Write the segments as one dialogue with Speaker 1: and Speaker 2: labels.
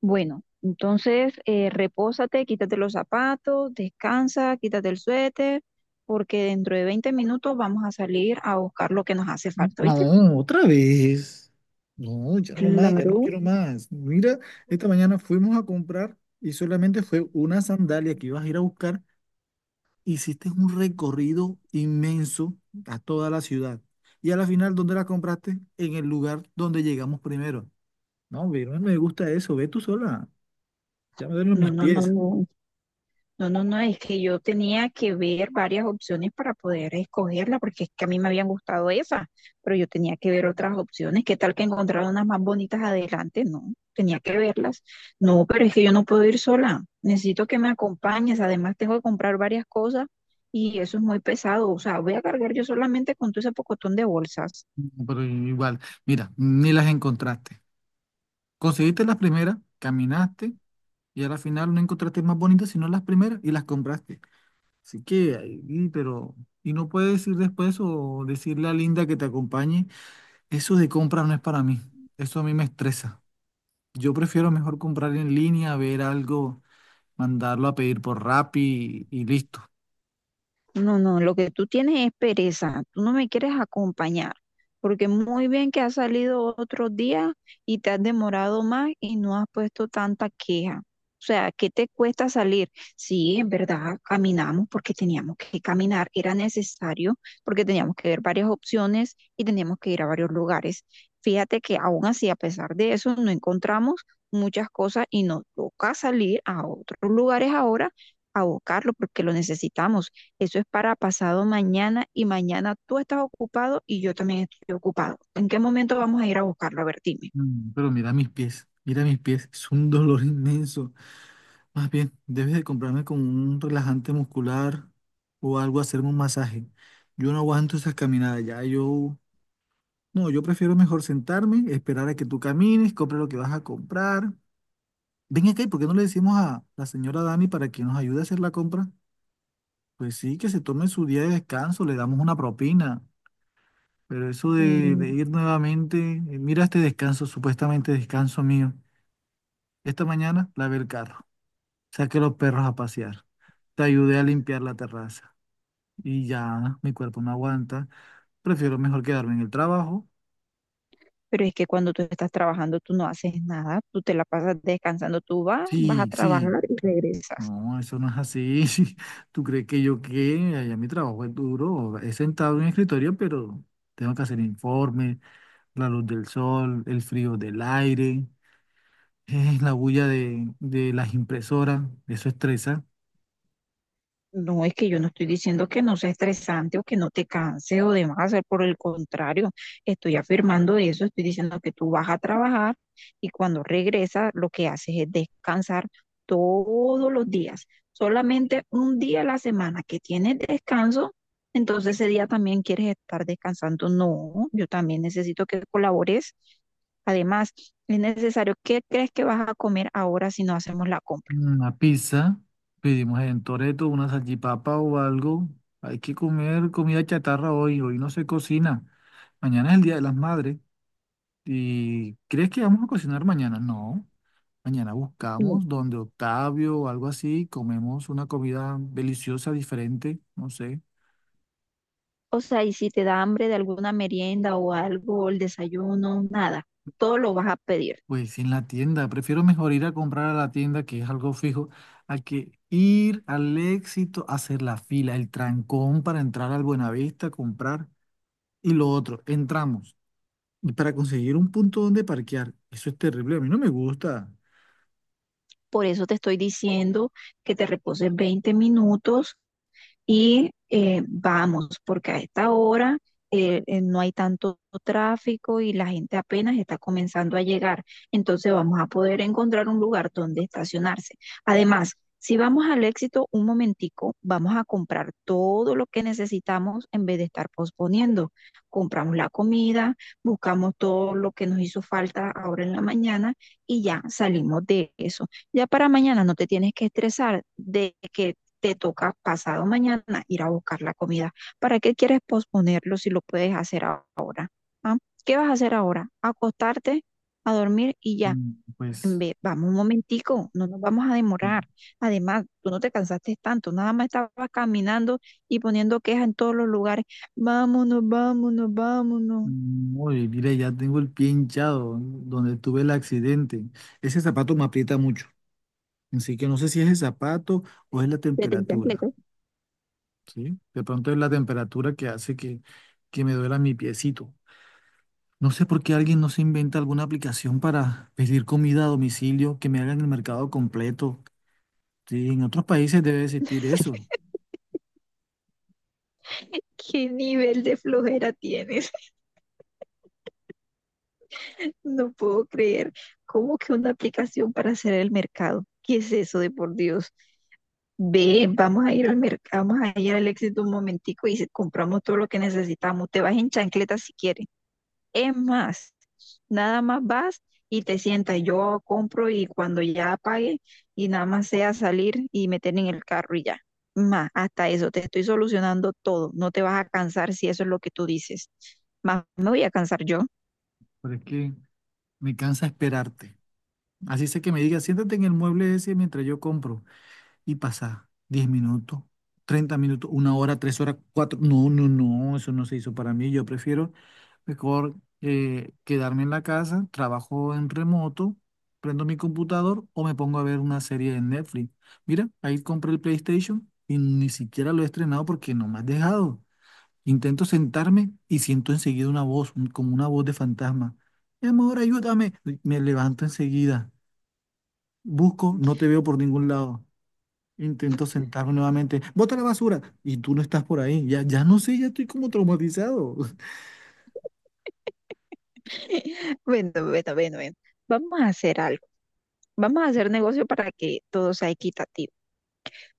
Speaker 1: Bueno, entonces repósate, quítate los zapatos, descansa, quítate el suéter, porque dentro de 20 minutos vamos a salir a buscar lo que nos hace falta, ¿viste?
Speaker 2: No, otra vez. No, ya no más, ya no quiero más. Mira, esta mañana fuimos a comprar y solamente fue una sandalia que ibas a ir a buscar. Hiciste un recorrido inmenso a toda la ciudad. Y a la final, ¿dónde la compraste? En el lugar donde llegamos primero. No, ve, no me gusta eso. Ve tú sola. Ya me duelen
Speaker 1: No,
Speaker 2: mis
Speaker 1: no, no,
Speaker 2: pies.
Speaker 1: no, No, no, no, es que yo tenía que ver varias opciones para poder escogerla, porque es que a mí me habían gustado esas, pero yo tenía que ver otras opciones. ¿Qué tal que encontrara unas más bonitas adelante? No, tenía que verlas. No, pero es que yo no puedo ir sola. Necesito que me acompañes. Además, tengo que comprar varias cosas y eso es muy pesado. O sea, voy a cargar yo solamente con todo ese pocotón de bolsas.
Speaker 2: No, pero igual, mira, ni las encontraste. Conseguiste las primeras, caminaste y a la final no encontraste más bonitas sino las primeras y las compraste. Así que ahí, pero. Y no puedes ir después o decirle a Linda que te acompañe. Eso de compras no es para mí. Eso a mí me estresa. Yo prefiero mejor comprar en línea, ver algo, mandarlo a pedir por Rappi y listo.
Speaker 1: No, no, lo que tú tienes es pereza, tú no me quieres acompañar, porque muy bien que has salido otros días y te has demorado más y no has puesto tanta queja. O sea, ¿qué te cuesta salir? Sí, en verdad, caminamos porque teníamos que caminar, era necesario porque teníamos que ver varias opciones y teníamos que ir a varios lugares. Fíjate que aún así, a pesar de eso, no encontramos muchas cosas y nos toca salir a otros lugares ahora a buscarlo porque lo necesitamos. Eso es para pasado mañana y mañana tú estás ocupado y yo también estoy ocupado. ¿En qué momento vamos a ir a buscarlo? A ver, dime.
Speaker 2: Pero mira mis pies, mira mis pies. Es un dolor inmenso. Más bien, debes de comprarme con un relajante muscular o algo, hacerme un masaje. Yo no aguanto esas caminadas ya. No, yo prefiero mejor sentarme, esperar a que tú camines, compra lo que vas a comprar. Ven acá, ¿y por qué no le decimos a la señora Dani para que nos ayude a hacer la compra? Pues sí, que se tome su día de descanso, le damos una propina. Pero eso de
Speaker 1: Mm,
Speaker 2: ir nuevamente, mira este descanso, supuestamente descanso mío. Esta mañana lavé el carro, saqué los perros a pasear, te ayudé a limpiar la terraza y ya mi cuerpo no aguanta. Prefiero mejor quedarme en el trabajo.
Speaker 1: Pero es que cuando tú estás trabajando, tú no haces nada, tú te la pasas descansando, vas a
Speaker 2: Sí, sí,
Speaker 1: trabajar y regresas.
Speaker 2: no, eso no es así. ¿Tú crees que yo qué? Allá mi trabajo es duro. He sentado en el escritorio, pero tengo que hacer informes, la luz del sol, el frío del aire, la bulla de las impresoras. Eso estresa.
Speaker 1: No, es que yo no estoy diciendo que no sea estresante o que no te canse o demás, por el contrario, estoy afirmando eso, estoy diciendo que tú vas a trabajar y cuando regresas lo que haces es descansar todos los días, solamente un día a la semana que tienes descanso, entonces ese día también quieres estar descansando. No, yo también necesito que colabores. Además, es necesario, ¿qué crees que vas a comer ahora si no hacemos la compra?
Speaker 2: Una pizza, pedimos en Toretto una salchipapa o algo. Hay que comer comida chatarra hoy. Hoy no se cocina. Mañana es el Día de las Madres. ¿Y crees que vamos a cocinar mañana? No. Mañana buscamos donde Octavio o algo así, comemos una comida deliciosa, diferente, no sé.
Speaker 1: O sea, y si te da hambre de alguna merienda o algo, el desayuno, nada, todo lo vas a pedir.
Speaker 2: Pues en la tienda, prefiero mejor ir a comprar a la tienda, que es algo fijo, a que ir al Éxito a hacer la fila, el trancón para entrar al Buenavista a comprar. Y lo otro, entramos. Y para conseguir un punto donde parquear, eso es terrible, a mí no me gusta.
Speaker 1: Por eso te estoy diciendo que te reposes 20 minutos y vamos, porque a esta hora no hay tanto tráfico y la gente apenas está comenzando a llegar. Entonces vamos a poder encontrar un lugar donde estacionarse. Además, si vamos al éxito un momentico, vamos a comprar todo lo que necesitamos en vez de estar posponiendo. Compramos la comida, buscamos todo lo que nos hizo falta ahora en la mañana y ya salimos de eso. Ya para mañana no te tienes que estresar de que te toca pasado mañana ir a buscar la comida. ¿Para qué quieres posponerlo si lo puedes hacer ahora? ¿Ah? ¿Qué vas a hacer ahora? Acostarte, a dormir y ya.
Speaker 2: Mm, Pues,
Speaker 1: Ve, vamos un momentico, no nos vamos a demorar.
Speaker 2: mm,
Speaker 1: Además, tú no te cansaste tanto, nada más estabas caminando y poniendo quejas en todos los lugares. Vámonos, vámonos, vámonos.
Speaker 2: oye, mira, ya tengo el pie hinchado donde tuve el accidente. Ese zapato me aprieta mucho. Así que no sé si es el zapato o es la
Speaker 1: Vete en
Speaker 2: temperatura,
Speaker 1: chancletas.
Speaker 2: ¿sí? De pronto es la temperatura que hace que me duela mi piecito. No sé por qué alguien no se inventa alguna aplicación para pedir comida a domicilio, que me hagan el mercado completo. Sí, en otros países debe existir eso,
Speaker 1: ¿Qué nivel de flojera tienes? No puedo creer. ¿Cómo que una aplicación para hacer el mercado? ¿Qué es eso de por Dios? Ve, vamos a ir al mercado, vamos a ir al éxito un momentico y compramos todo lo que necesitamos. Te vas en chancletas si quieres. Es más, nada más vas y te sientas. Yo compro y cuando ya pague y nada más sea salir y meter en el carro y ya. Más, hasta eso, te estoy solucionando todo. No te vas a cansar si eso es lo que tú dices. Más me voy a cansar yo.
Speaker 2: pero es que me cansa esperarte. Así sé que me diga, siéntate en el mueble ese mientras yo compro. Y pasa 10 minutos, 30 minutos, una hora, 3 horas, cuatro. No, no, no, eso no se hizo para mí. Yo prefiero mejor quedarme en la casa, trabajo en remoto, prendo mi computador o me pongo a ver una serie en Netflix. Mira, ahí compré el PlayStation y ni siquiera lo he estrenado porque no me has dejado. Intento sentarme y siento enseguida una voz, como una voz de fantasma. Mi amor, ayúdame. Me levanto enseguida. Busco, no te veo por ningún lado. Intento sentarme nuevamente. Bota la basura. Y tú no estás por ahí. Ya, ya no sé, ya estoy como traumatizado.
Speaker 1: Bueno, bueno, bueno, bueno. Vamos a hacer algo. Vamos a hacer negocio para que todo sea equitativo.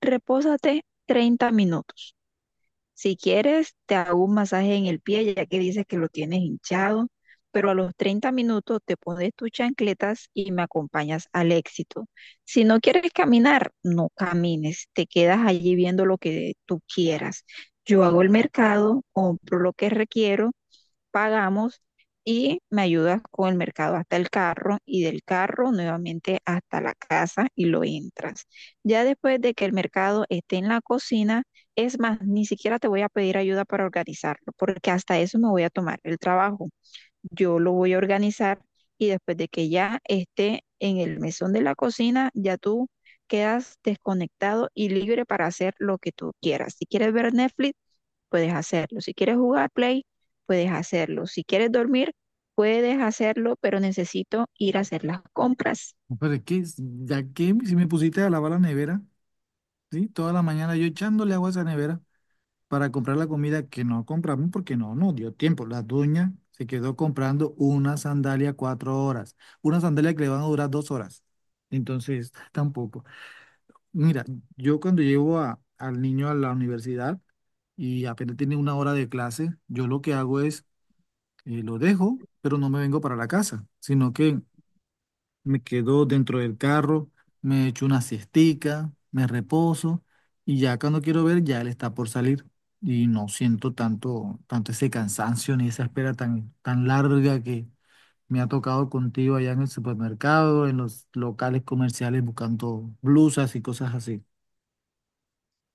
Speaker 1: Repósate 30 minutos. Si quieres, te hago un masaje en el pie, ya que dices que lo tienes hinchado, pero a los 30 minutos te pones tus chancletas y me acompañas al éxito. Si no quieres caminar, no camines, te quedas allí viendo lo que tú quieras. Yo hago el mercado, compro lo que requiero, pagamos y me ayudas con el mercado hasta el carro y del carro nuevamente hasta la casa y lo entras. Ya después de que el mercado esté en la cocina, es más, ni siquiera te voy a pedir ayuda para organizarlo, porque hasta eso me voy a tomar el trabajo. Yo lo voy a organizar y después de que ya esté en el mesón de la cocina, ya tú quedas desconectado y libre para hacer lo que tú quieras. Si quieres ver Netflix, puedes hacerlo. Si quieres jugar Play, puedes hacerlo. Si quieres dormir, puedes hacerlo, pero necesito ir a hacer las compras.
Speaker 2: Pero es que, ya que si me pusiste a lavar la nevera, ¿sí? Toda la mañana yo echándole agua a esa nevera para comprar la comida que no compramos porque no dio tiempo. La dueña se quedó comprando una sandalia 4 horas. Una sandalia que le van a durar 2 horas. Entonces, tampoco. Mira, yo cuando llevo al niño a la universidad y apenas tiene una hora de clase, yo lo que hago es lo dejo, pero no me vengo para la casa, sino que me quedo dentro del carro, me echo una siestica, me reposo y ya cuando quiero ver ya él está por salir y no siento tanto, tanto ese cansancio ni esa espera tan, tan larga que me ha tocado contigo allá en el supermercado, en los locales comerciales buscando blusas y cosas así.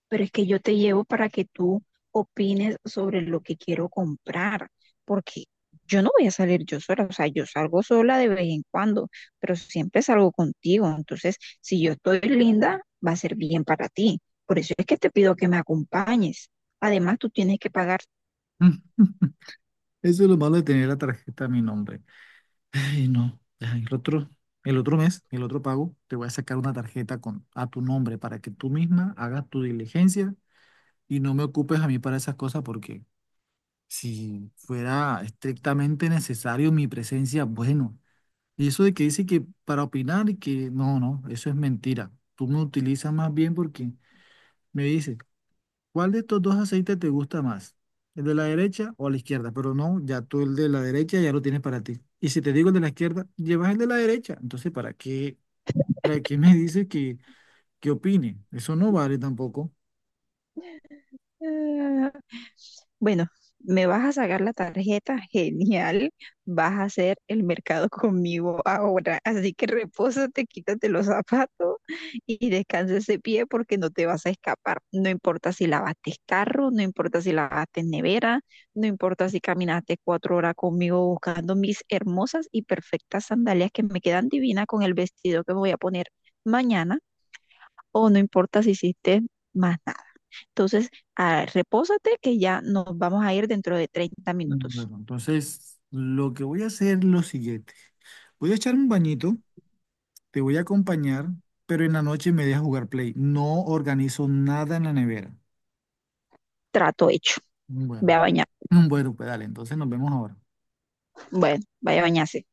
Speaker 1: Pero es que yo te llevo para que tú opines sobre lo que quiero comprar, porque yo no voy a salir yo sola, o sea, yo salgo sola de vez en cuando, pero siempre salgo contigo. Entonces, si yo estoy linda, va a ser bien para ti. Por eso es que te pido que me acompañes. Además, tú tienes que pagar.
Speaker 2: Mm, Eso es lo malo de tener la tarjeta a mi nombre. Ay, no. Ya, el otro mes, el otro pago, te voy a sacar una tarjeta con, a tu nombre para que tú misma hagas tu diligencia y no me ocupes a mí para esas cosas porque si fuera estrictamente necesario mi presencia, bueno. Y eso de que dice que para opinar y que no, no, eso es mentira. Tú me utilizas más bien porque me dices, ¿cuál de estos dos aceites te gusta más? ¿El de la derecha o la izquierda? Pero no, ya tú el de la derecha ya lo tienes para ti. Y si te digo el de la izquierda, llevas el de la derecha. Entonces, ¿para qué me dices que opine? Eso no vale tampoco.
Speaker 1: eh, Bueno, me vas a sacar la tarjeta, genial. Vas a hacer el mercado conmigo ahora. Así que repósate, quítate los zapatos y descansa ese pie porque no te vas a escapar. No importa si lavaste carro, no importa si lavaste nevera, no importa si caminaste 4 horas conmigo buscando mis hermosas y perfectas sandalias que me quedan divinas con el vestido que me voy a poner mañana, o no importa si hiciste más nada. Entonces, repósate que ya nos vamos a ir dentro de 30 minutos.
Speaker 2: Bueno, entonces, lo que voy a hacer es lo siguiente. Voy a echar un bañito, te voy a acompañar, pero en la noche me dejas jugar play. No organizo nada en la nevera.
Speaker 1: Trato hecho. Ve a
Speaker 2: Bueno,
Speaker 1: bañar.
Speaker 2: bueno, pues dale, entonces nos vemos ahora.
Speaker 1: Bueno, vaya a bañarse.